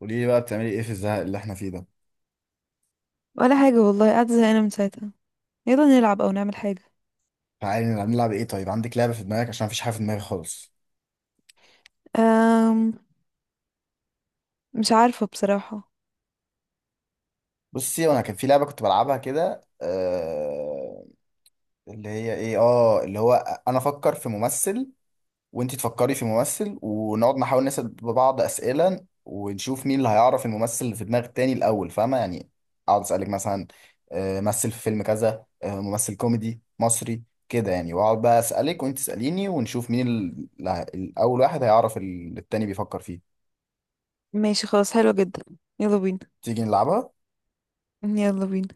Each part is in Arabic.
قولي لي بقى بتعملي ايه في الزهق اللي احنا فيه ده؟ ولا حاجة والله، قاعدة زهقانة من ساعتها. يلا نلعب أو نعمل حاجة. تعالي نلعب، نلعب ايه؟ طيب عندك لعبه في دماغك عشان مفيش حاجه في دماغي خالص. أم... مش عارفة بصراحة. بصي، وانا كان في لعبه كنت بلعبها كده. آه اللي هي ايه اه اللي هو انا افكر في ممثل، وانتي تفكري في ممثل، ونقعد نحاول نسال بعض اسئله ونشوف مين اللي هيعرف الممثل اللي في دماغ التاني الاول، فاهمه يعني؟ اقعد اسالك مثلا، آه مثل في فيلم كذا، آه ممثل كوميدي مصري كده يعني، واقعد بقى اسالك وانت تساليني ونشوف مين الاول واحد هيعرف التاني بيفكر فيه. ماشي خلاص، حلوة جدا. يلا بينا. تيجي نلعبها؟ يلا بينا.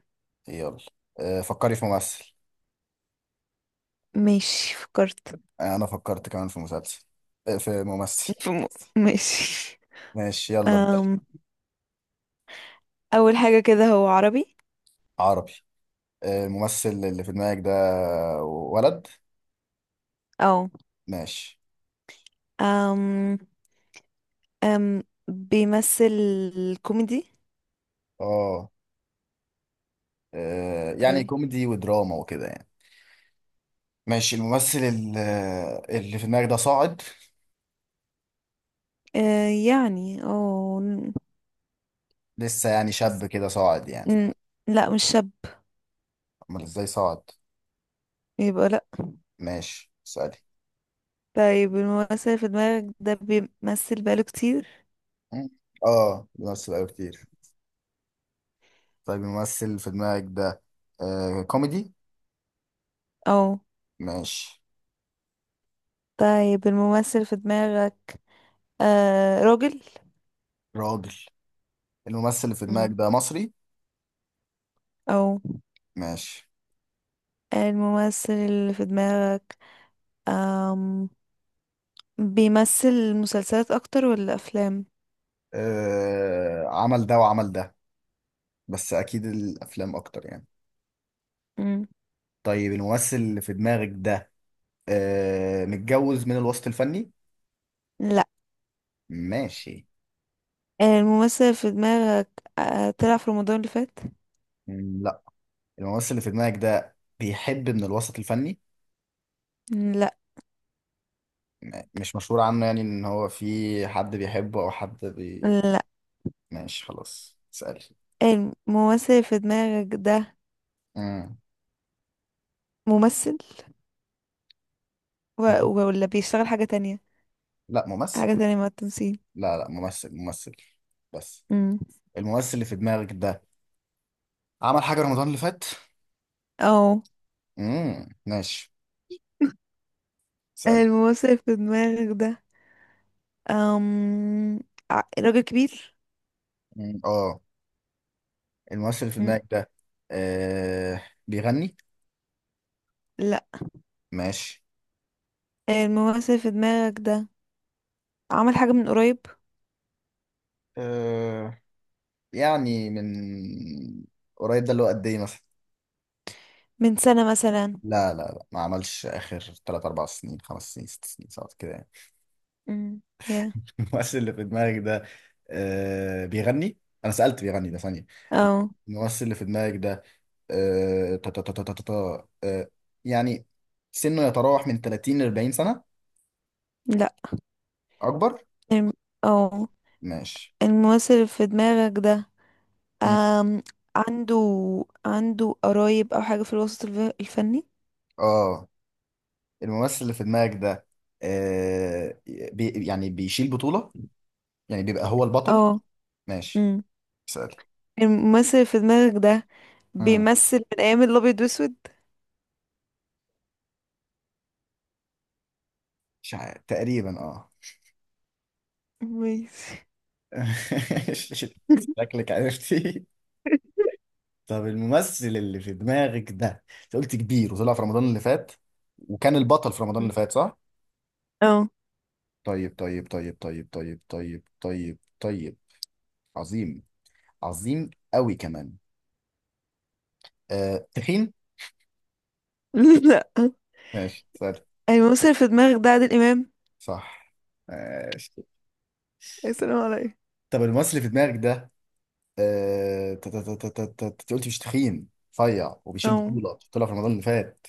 يلا. آه، فكري في ممثل. ماشي، فكرت. آه، انا فكرت كمان في مسلسل. آه، في ممثل. في م... ماشي. ماشي يلا ابدأ. أم... أول حاجة كده، هو عربي. عربي. آه، الممثل اللي في دماغك ده ولد؟ أو. ماشي. أم... بيمثل كوميدي. اه آه. يعني طيب. كوميدي ودراما وكده يعني. ماشي، الممثل اللي في دماغك ده صاعد؟ أه يعني، أو. لسه يعني شاب كده صاعد يعني. ن- لا، مش شاب. امال ازاي صاعد؟ يبقى لا. ماشي اسألي. طيب، الممثل في دماغك ده بيمثل بقاله كتير؟ مم. اه بيمثل أوي كتير. طيب الممثل في دماغك ده، آه كوميدي؟ أو. ماشي. طيب، الممثل في دماغك راجل. راجل. الممثل اللي في دماغك مم. ده مصري؟ او. ماشي. الممثل اللي في دماغك، آم بيمثل مسلسلات اكتر ولا افلام؟ آه عمل ده وعمل ده، بس اكيد الافلام اكتر يعني. مم. طيب الممثل اللي في دماغك ده آه متجوز من الوسط الفني؟ لا. ماشي. الممثل في دماغك طلع في رمضان اللي فات. مم، لا. الممثل اللي في دماغك ده بيحب من الوسط الفني؟ مم، لا. مش مشهور عنه يعني ان هو في حد بيحبه او حد بي. لا. ماشي خلاص اسألي. الممثل في دماغك ده مم. ممثل، ولا بيشتغل حاجة تانية؟ لا ممثل. حاجة تانية مع التمثيل. لا لا ممثل ممثل بس. مم. الممثل اللي في دماغك ده عمل حاجة رمضان اللي فات؟ او. ماشي. اسأل. الممثل في دماغك ده آم راجل كبير. مم، اه. الممثل اللي في دماغك ده آه بيغني؟ لا. ماشي. الممثل في دماغك ده عمل حاجة من قريب. آه يعني من قريب ده اللي هو قد ايه مثلا؟ من سنة مثلا. لا لا لا ما عملش اخر، 3 4 سنين 5 سنين 6 سنين 7 كده يعني. امم يا. الممثل اللي في دماغك ده آه بيغني؟ انا سألت بيغني ده ثانية. او. الممثل اللي في دماغك ده آه تا تا تا تا تا تا تا، آه يعني سنه يتراوح من 30 ل 40 سنة؟ لا. اكبر. الم... او ماشي الممثل في دماغك ده أم... عنده عنده قرايب او حاجة في الوسط الفني. اه. الممثل اللي في دماغك ده آه يعني بيشيل بطولة، يعني بيبقى هو البطل؟ اه. ماشي. امم. اسأل. الممثل في دماغك ده امم بيمثل من ايام الابيض واسود؟ مش عارف تقريبا اه. ماشي. شكلك عرفتي. طب الممثل اللي في دماغك ده، انت قلت كبير وطلع في رمضان اللي فات وكان البطل في رمضان اللي فات، صح؟ اه. طيب طيب طيب طيب طيب طيب طيب طيب. عظيم، عظيم قوي كمان. آه تخين؟ لا. ماشي سهل. الممثل في دماغك ده عادل امام. صح. ماشي. السلام عليكم. طب الممثل اللي في دماغك ده، آه، انت قلت مش تخين، رفيع، وبيشيل اه. بطولة، طلع في رمضان اللي فات.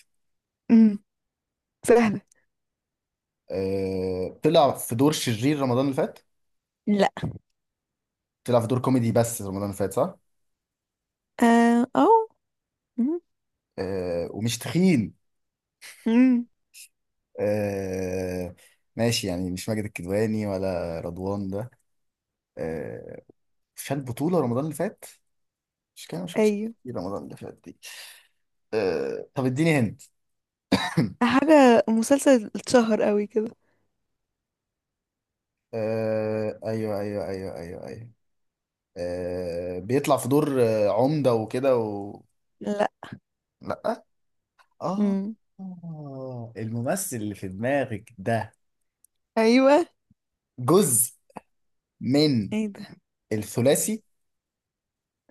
امم. سهلة. آه، طلع في دور شرير رمضان اللي فات؟ لا. طلع في دور كوميدي بس رمضان اللي فات صح؟ اه، أو. مم. آه، ومش تخين. مم. آه، ماشي، يعني مش ماجد الكدواني ولا رضوان ده. آه، شال بطولة رمضان اللي فات، مش كده؟ ما شفتش ايوه. كتير رمضان اللي فات دي. آه، طب اديني هنت. حاجة، مسلسل اتشهر قوي كده. آه، ايوه ايوه ايوه ايوه ايوه. آه، بيطلع في دور عمدة وكده و... لا. لا. آه مم. آه، الممثل اللي في دماغك ده ايوه. جزء من ايه ده. الثلاثي،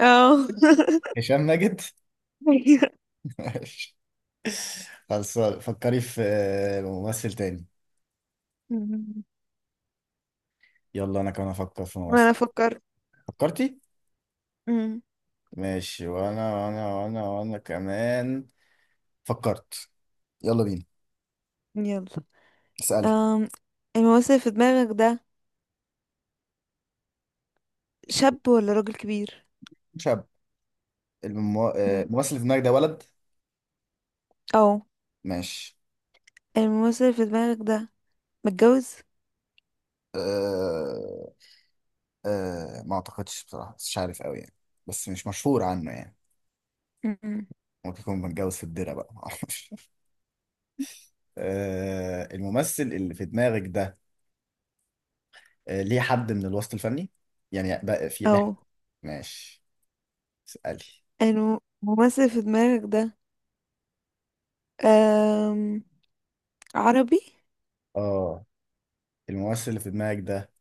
اه. هشام ماجد. أيوة. ماشي. خلاص فكري في ممثل تاني. مم. يلا أنا كمان أفكر في ما ممثل. انا فكرت. فكرتي؟ مم. ماشي، وأنا كمان فكرت. يلا بينا. يلا. اسألي. أم، الممثل اللي في دماغك ده شاب ولا راجل كبير؟ شاب. مم. الممثل اللي في دماغك ده ولد؟ او. ماشي. الممثل اللي في دماغك ده متجوز؟ أه أه ما أعتقدش بصراحة، بس مش عارف أوي يعني، بس مش مشهور عنه يعني. مم. ممكن يكون متجوز في الدرة بقى معرفش. آه، الممثل اللي في دماغك ده آه، ليه حد من الوسط الفني، يعني بقى في ليه؟ او. ماشي اسألي. الممثل اللي في دماغك ده أم عربي. اه. الممثل اللي في دماغك ده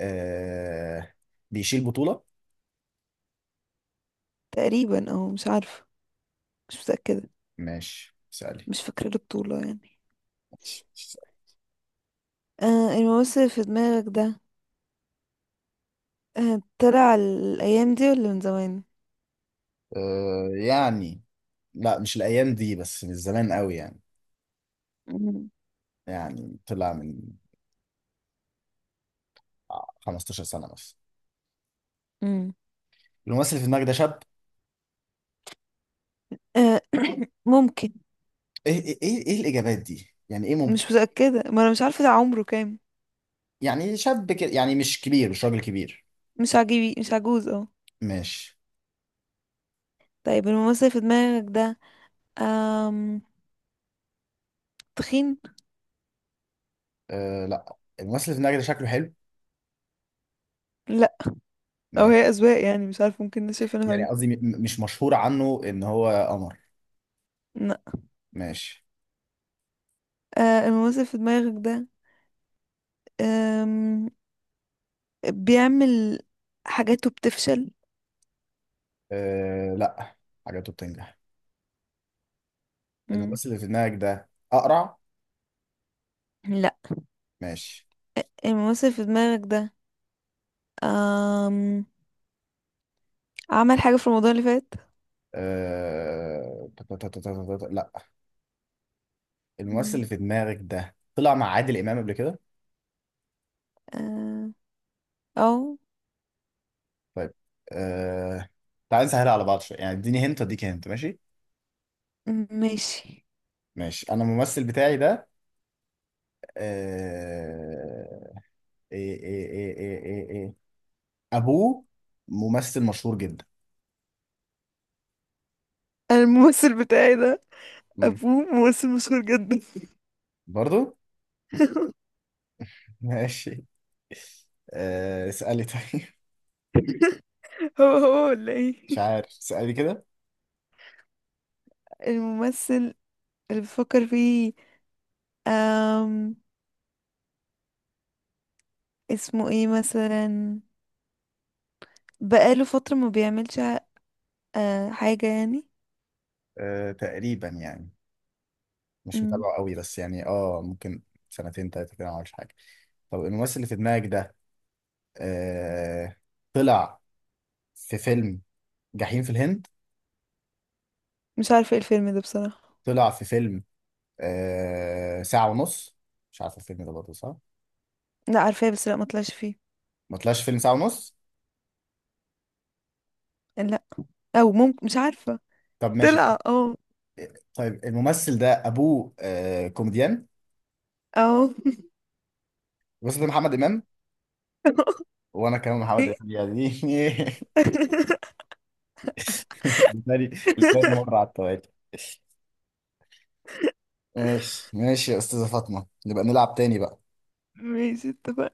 آه، بيشيل بطولة؟ تقريبا، او مش عارفه. مش متأكدة. ماشي اسألي. مش فاكرة البطولة يعني. ماشي اسألي. الممثل اللي في دماغك ده، طلع الأيام دي ولا من زمان؟ آه، يعني لا مش الأيام دي بس من زمان قوي يعني، مم. يعني طلع من 15 سنة بس. مم. الممثل اللي في دماغك ده شاب؟ آه، ممكن. ايه ايه ايه إيه الإجابات دي؟ يعني ايه مش ممكن؟ متأكدة، ما أنا مش عارفة ده عمره كام. يعني شاب كده يعني، مش كبير، مش راجل كبير. مش عجيبي، مش عجوز، اه. ماشي. طيب، الممثل اللي في دماغك ده آم تخين؟ لا، الممثل اللي في دماغي ده شكله حلو. لا. أو، ماشي. هي أذواق يعني، مش عارفة، ممكن ده شايفينه يعني حلو. قصدي مش مشهور عنه ان هو قمر. لا. ماشي. الممثل اللي في دماغك ده، آم بيعمل حاجاته بتفشل؟ لا، حاجاته بتنجح. مم. الممثل اللي في دماغك ده اقرع؟ لا. ماشي. الممثل اللي في دماغك ده آم عمل حاجة في رمضان اللي فات. أه... تا- تا- تا- تا- تا- تا- لا. الممثل اللي في دماغك ده طلع مع عادل امام قبل كده. آه، او. طيب. أه... تعال نسهلها على بعض شويه يعني، اديني هنت اديك هنت، ماشي؟ ماشي. ماشي، انا الممثل بتاعي ده أه... ايه ايه ايه ايه ايه إيه. ابوه ممثل مشهور جدا. الممثل بتاعي ده مم. ابوه ممثل مشهور جدا. برضو. ماشي. آه، اسألي طيب هو هو ولا ايه؟ مش عارف، اسألي كده. الممثل اللي بفكر فيه، أم، اسمه ايه مثلا. بقاله فترة ما بيعملش حاجة يعني. تقريبا يعني، مش مم. متابعه قوي بس يعني ممكن، سنتين تلاتة كده ما عملش حاجة. طب الممثل اللي في دماغك ده أه طلع في فيلم جحيم في الهند؟ مش عارفة ايه الفيلم ده بصراحة. طلع في فيلم ساعة ونص؟ مش عارف الفيلم ده برضه صح؟ لا، عارفاه، بس لا ما طلعش فيه. ما طلعش فيلم ساعة ونص؟ لا. او ممكن، مش عارفة. طب ماشي. طلع، اه. طيب الممثل ده أبوه كوميديان. اه. الممثل ده محمد إمام. وانا كمان ايه. محمد يعني لتاني لتاني مرة على التوالي. ماشي ماشي يا استاذة فاطمة، نبقى نلعب تاني بقى. ماشي، اتفقنا.